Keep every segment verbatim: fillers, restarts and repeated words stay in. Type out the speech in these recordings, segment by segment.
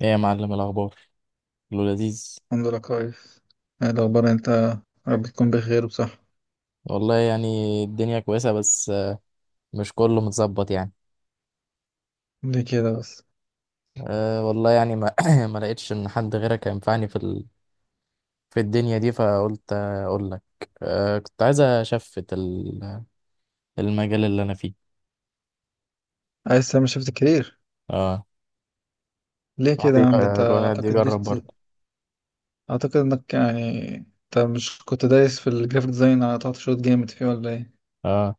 ايه يا معلم الاخبار؟ كله لذيذ. الحمد لله كويس. ايه الاخبار انت؟ يا رب تكون بخير وبصحة. والله يعني الدنيا كويسه، بس مش كله متظبط يعني. ليه كده بس؟ أه والله يعني، ما ما لقيتش ان حد غيرك ينفعني في ال... في الدنيا دي، فقلت اقول لك. أه كنت عايز اشفت ال... المجال اللي انا فيه. عايز تعمل شيفت كارير؟ اه. ليه الواحد كده يا يج- عم؟ ده انت الواحد اعتقد يجرب دوست. برضه. اعتقد انك يعني انت مش كنت دايس في الجرافيك ديزاين على تحت شوط جامد فيه ولا ايه؟ اه.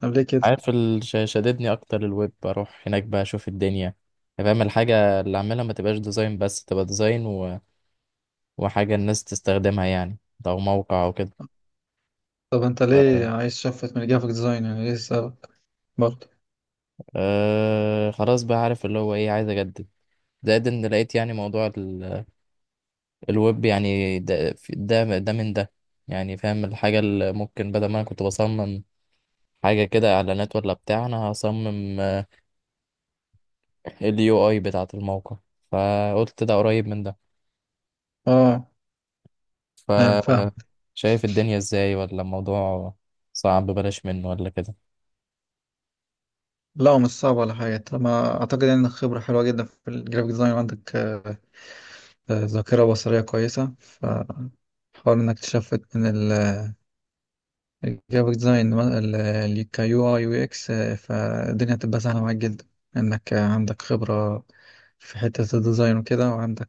طب ليه كده؟ عارف ال... ش- شددني اكتر الويب، اروح هناك بقى اشوف الدنيا، فاهم. الحاجه اللي اعملها ما تبقاش ديزاين بس، تبقى ديزاين و... وحاجه الناس تستخدمها يعني، او موقع او طب انت ليه كده. عايز شفت من الجرافيك ديزاين؟ يعني ليه السبب؟ برضه. أه خلاص بقى، عارف اللي هو ايه، عايز اجدد، زائد ان لقيت يعني موضوع ال- الويب يعني، ده في- ده ده من ده يعني. فاهم الحاجة اللي ممكن، بدل ما انا كنت بصمم حاجة كده اعلانات ولا بتاع، انا هصمم اليو اي بتاعة الموقع، فقلت ده قريب من ده. اه، ف فاهم فاهم شايف الدنيا ازاي؟ ولا الموضوع صعب، بلاش منه ولا كده؟ لا، هو مش صعب ولا حاجة. طالما أعتقد إن خبرة حلوة جدا في الجرافيك ديزاين، وعندك آه، آه، ذاكرة بصرية كويسة، فحاول إنك تشفت من جرافيك ديزاين كيو اي يو اكس. آه، فالدنيا هتبقى سهلة معاك جدا، انك عندك خبرة في حتة الديزاين وكده، وعندك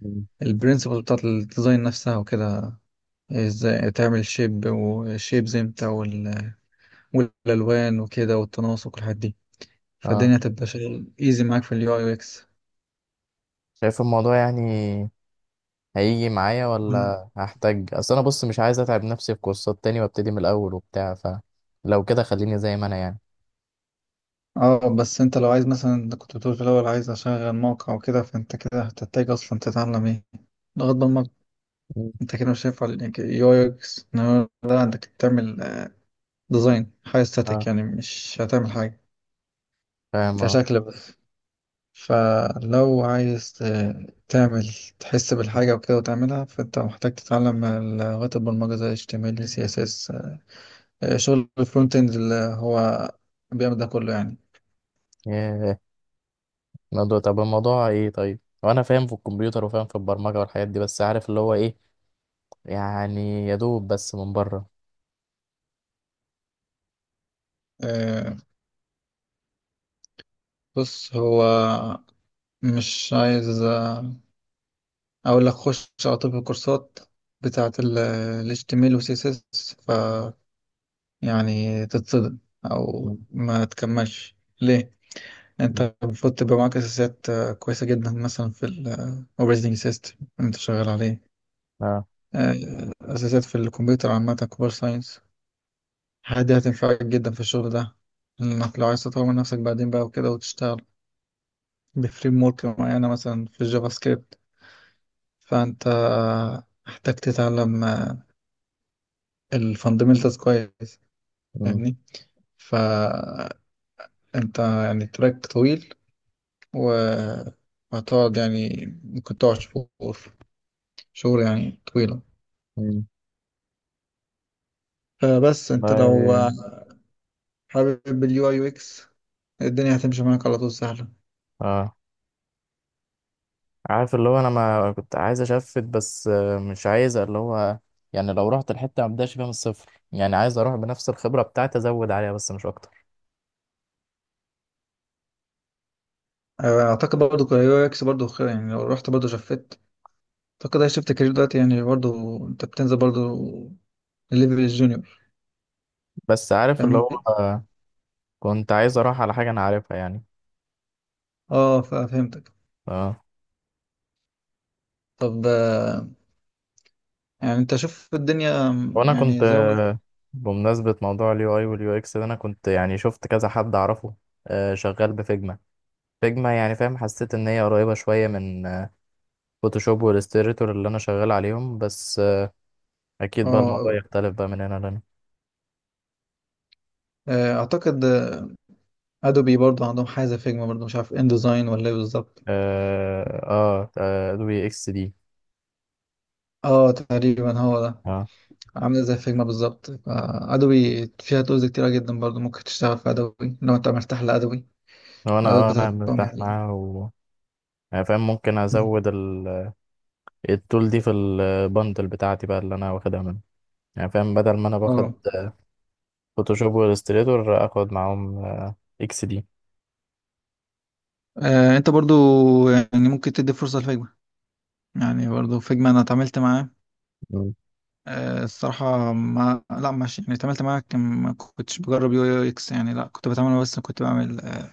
مم. البرنسبل بتاعت الديزاين نفسها وكده. ازاي تعمل شيب وشيبز امتى، وال- والالوان وكده، والتناسق والحاجات دي. اه فالدنيا هتبقى شغل ايزي معاك في اليو اي يو اكس. شايف الموضوع يعني، هيجي معايا؟ ولا هحتاج؟ اصل انا بص مش عايز اتعب نفسي في كورسات تاني، وابتدي من الاول وبتاع، فلو كده خليني زي ما انا يعني. اه بس انت لو عايز مثلا، انت كنت بتقول في الاول عايز اشغل موقع وكده، فانت كده هتحتاج اصلا تتعلم ايه؟ لغة برمجة. مم. انت كده مش هينفع لانك يو اكس، انما ده عندك تعمل ديزاين حاجه ستاتيك، اه يعني مش هتعمل حاجه فاهم اه. كشكل بس. فلو عايز ت- تعمل، تحس بالحاجه وكده وتعملها، فانت محتاج تتعلم لغات البرمجه زي إتش تي إم إل سي إس إس. آه، شغل الفرونت اند اللي هو بيعمل ده كله يعني. ياه، الموضوع طب الموضوع ايه؟ طيب، وانا فاهم في الكمبيوتر وفاهم في البرمجة والحاجات دي، بس عارف اللي هو ايه يعني، يا دوب بس من بره. آه، بص، هو مش عايز، آه، اقول لك خش على طول في الكورسات بتاعت ال إتش تي إم إل و سي إس إس يعني تتصدم او مم. ما تكملش. ليه؟ مم. انت المفروض تبقى معاك اساسيات آه، كويسه جدا، مثلا في الاوبريتنج سيستم اللي انت شغال عليه. اه. آه، اساسيات في الكمبيوتر عامه، كمبيوتر ساينس. الحاجات دي هتنفعك جدا في الشغل ده، انك لو عايز تطور من نفسك بعدين بقى وكده وتشتغل بفريم ورك معينه مثلا في الجافا سكريبت. فانت آه، محتاج تتعلم الفاندمنتالز كويس، فاهمني؟ فانت يعني تراك طويل، وهتقعد يعني ممكن تقعد شهور، شهور يعني طويلة. امم فبس انت لو والله. حابب اليو اي يو اكس، الدنيا هتمشي معاك على طول سهلة. اه عارف اللي هو، انا ما كنت عايز اشفت، بس آه، مش عايز اللي هو يعني، لو رحت الحته ما ابداش فيها من الصفر يعني، عايز اروح بنفس الخبره بتاعتي، ازود عليها بس مش اكتر. اعتقد برضو اليو اي اكس برضو خير، يعني لو رحت برضو شفت. اعتقد هي شفت كارير دلوقتي، يعني برضو انت بتنزل برضو الليفل الجونيور. بس عارف اللي هو، فاهمني؟ آه، كنت عايز اروح على حاجه انا عارفها يعني. اه، ف- فهمتك. اه طب، آه، يعني انت شوف الدنيا م، وانا كنت، يعني زي ما بقول- آه، بمناسبه موضوع اليو اي واليو اكس ده، انا كنت يعني شفت كذا حد اعرفه آه، شغال بفيجما. فيجما، يعني فاهم، حسيت ان هي قريبه شويه من فوتوشوب والاستريتور اللي انا شغال عليهم، بس آه، اكيد بقى الموضوع اه. يختلف بقى من هنا لهنا. آه، اعتقد ادوبي برضو عندهم حاجه زي فيجما، برضو مش عارف ان ديزاين ولا ايه بالظبط. اه. اه آه، ادوبي اكس دي. اه تقريبا هو ده. اه. عاملة زي فيجما بالظبط. آه، أدوبي فيها تولز كتيرة جدا، برضو ممكن تشتغل في أدوبي لو أنت مرتاح لأدوبي، لو انا الأدوات اه انا بتاعتهم مرتاح يعني. معاها و يعني فاهم، ممكن مم. ازود ال... التول دي في البندل بتاعتي بقى اللي انا واخدها منه، يعني فاهم، بدل ما انا باخد اه، فوتوشوب والاستريتور، اخد معاهم آه، اكس دي. آه، أنت برضو يعني ممكن تدي فرصة لفيجما. يعني برضو فيجما أنا اتعاملت معاه. مم. آه، الصراحة ما لا، مش يعني اتعاملت معاه، كان ما كنتش بجرب يو يو إكس يعني، لا كنت بتعامل، بس كنت بعمل، آه،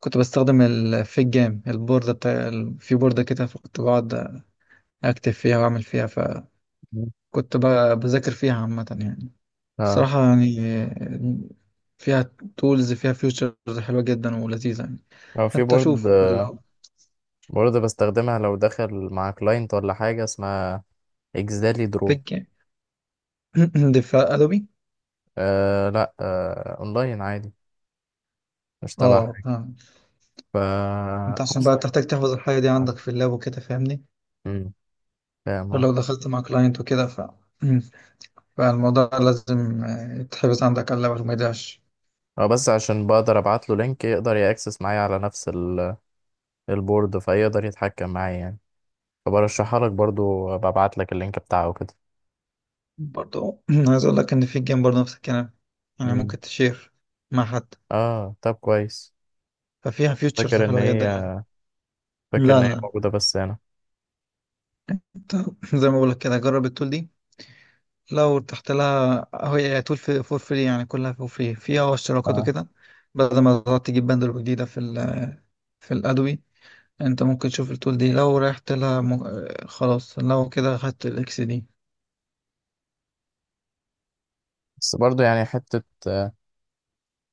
كنت بستخدم الفيج جام البوردة بتاع ال- في بوردة كده، فكنت بقعد أكتب فيها وأعمل فيها، فكنت مم. ب- بذاكر فيها عامة يعني. اه. صراحة يعني فيها تولز، فيها فيوتشرز حلوة جدا ولذيذة يعني. او في فانت بورد شوف. لو بورد بستخدمها لو داخل مع كلاينت، ولا حاجه اسمها اكسالي درو. بيج يعني دفاع ادوبي. آه لا، آه اونلاين عادي، مش تبع اه حاجه. فاهم. ف انت عشان بقى تحتاج تحفظ الحاجة دي عندك في اللاب وكده، فاهمني؟ مم. فاهم آه. فلو دخلت مع كلاينت وكده، ف فالموضوع لازم آه، يتحفظ عندك على اللاب وما يضيعش. اه، بس عشان بقدر ابعت له لينك، يقدر ياكسس معايا على نفس ال- البورد، فيقدر يتحكم معايا يعني، فبرشحها لك برضو، ببعت لك اللينك بتاعه كده. برضه عايز اقول لك ان في جيم برضه نفس الكلام، يعني امم ممكن تشير مع حد. اه طب كويس. ففيها فيوتشرز فاكر ان حلوة هي جدا يعني. فاكر لا ان هي لا موجوده بس هنا. انت زي ما بقول لك كده، جرب التول دي. لو تحت لها، هي طول في فور فري، يعني كلها فور فري، فيها اشتراكات اه، وكده. بدل ما تقعد تجيب باندل جديدة في ال في الأدوي، انت ممكن تشوف التول دي لو رحت لها م... آه، خلاص لو كده خدت الاكس دي. بس برضو يعني حته، آه،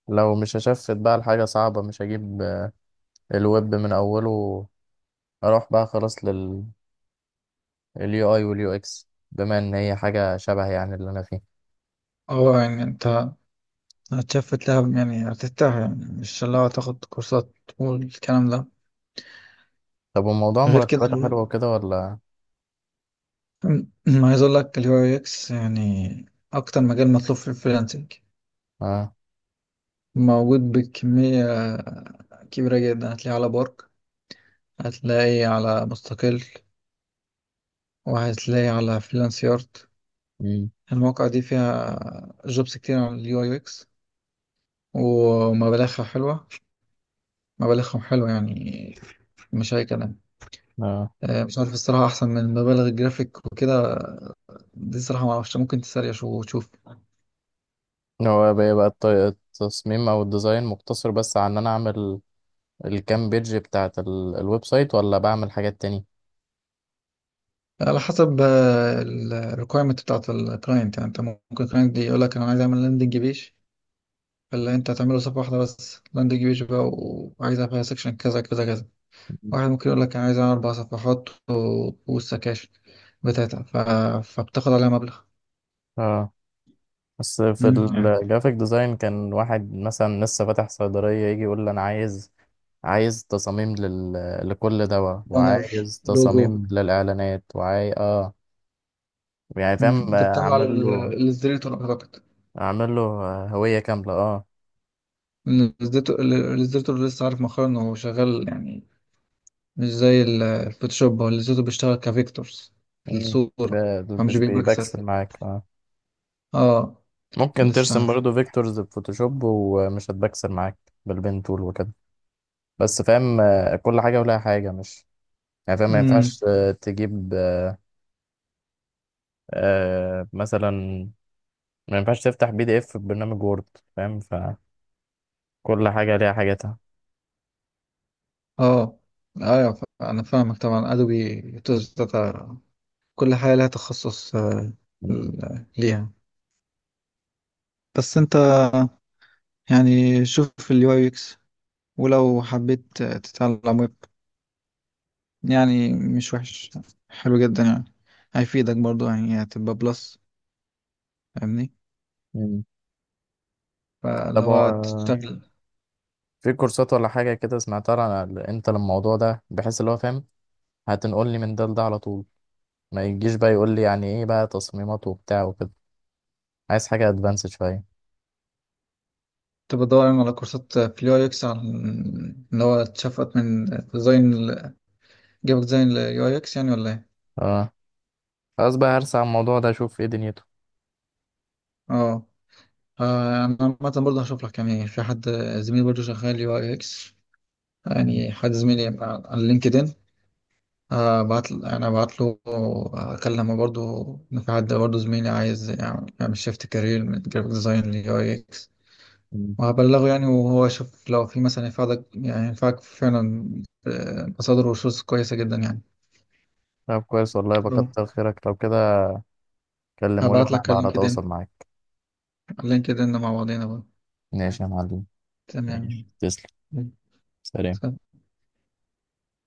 لو مش هشفت بقى لحاجه صعبه، مش هجيب آه، الويب من اوله، اروح بقى خلاص لل اليو اي واليو اكس، بما ان هي حاجه شبه يعني اللي انا فيه. اه، يعني انت هتشفت لها، يعني هترتاح، يعني مش اللي هو تاخد كورسات والكلام ده. طب، وموضوع غير كده مرتباته الو- حلوه وكده ولا؟ ما عايز اقول لك اليو اي اكس يعني اكتر مجال مطلوب في الفريلانسنج. اه. موجود بكمية كبيرة جدا، هتلاقيه على بارك، هتلاقي على مستقل، وهتلاقي على فريلانس يارد. امم المواقع دي فيها جوبس كتير عن اليو اي اكس، ومبالغها حلوة، مبالغهم حلوة يعني، مش أي كلام. اه. آه، مش عارف الصراحة أحسن من مبالغ الجرافيك وكده دي. الصراحة معرفش، ممكن تسريش وتشوف. هو بقى بقى الت- التصميم او الديزاين مقتصر بس على ان انا اعمل الكام بيج بتاعت ال- الويب سايت، ولا بعمل حاجات تانية؟ على حسب الريكويرمنت بتاعت الكلاينت يعني. أنت ممكن الكلاينت دي يقولك أنا عايز أعمل لاندنج بيج، فاللي أنت هتعمله صفحة واحدة بس، لاندنج بيج بقى، وعايزها فيها سكشن كذا كذا كذا. واحد ممكن يقول لك انا عايز أعمل اربع صفحات، و- والسكاشن بتاعتها ف... فبتاخد عليها مبلغ. اه، بس في مم، يعني الجرافيك ديزاين كان واحد مثلا لسه فاتح صيدلية يجي يقول لي، انا عايز عايز تصاميم لل... لكل دواء، بانر، وعايز لوجو. تصاميم للإعلانات، وعاي اه يعني مم، فاهم، انت آه، بتعمله على عامل ال- له الاصدريتور اعتقد. عامل له آه، هوية كاملة اه. إن الاصدريتور ال- الاصدريتور لسه عارف مؤخرا انه هو شغال يعني، مش زي ال- الفوتوشوب. هو الاصدريتور بيشتغل كفيكتورز في مم. الصورة، ب- فمش مش بالبكسل. بيبكسل معاك آه. اه ممكن لسه ترسم عارف. برضه فيكتورز بفوتوشوب، ومش هتبكسل معاك بالبين تول وكده. بس فاهم آه، كل حاجة ولها حاجة، مش يعني فاهم ما امم ينفعش آه، تجيب آه، مثلا ما ينفعش تفتح بي دي اف في برنامج وورد، فاهم، فكل حاجة ليها حاجاتها. اه. ايوه، ف- انا فاهمك طبعا. ادوبي توز داتا، كل حاجة لها تخصص. آه، مم. ال- ليها. بس انت يعني شوف اليو اي اكس، ولو حبيت تتعلم ويب يعني مش وحش، حلو جدا يعني، هيفيدك برضو، يعني هتبقى بلس. فاهمني؟ مم. فاللي طب هو هو آه، تشتغل، في كورسات ولا حاجة كده سمعتها عن ال- انت الموضوع ده، بحيث اللي هو فاهم هتنقلني من ده لده على طول، ما يجيش بقى يقول لي يعني ايه بقى تصميمات وبتاع وكده، عايز حاجة ادفانسد شوية. تبقى دور على كورسات في اليو اي اكس، عن اللي هو اتشفت من ديزاين، جابك ديزاين اليو اي اكس يعني ولا ايه. آه. خلاص بقى هرسى على الموضوع ده، اشوف ايه دنيته. اه. اه، انا عامة برضه هشوف لك يعني. في حد زميلي برضه شغال يو اي اكس، مم. يعني حد زميلي على على لينكدين. آه، بعت انا بعت له، اكلمه برضو، إن في حد برضو زميلي عايز يعمل، يعمل شيفت كارير من جرافيك ديزاين ليو اي اكس، مم. وهبلغه يعني، وهو يشوف لو في مثلا ينفعك، يعني ينفعك فعلا. آه، مصادر وشوز كويسة جدا يعني. طب كويس، والله اه، بكتر خيرك لو كده، كلمه لي هبعت وانا لك هبقى على على لينكدين، تواصل معاك. على لينكدين مع بعضينا بقى. ماشي يا معلم. ماشي، تمام تسلم. سلام.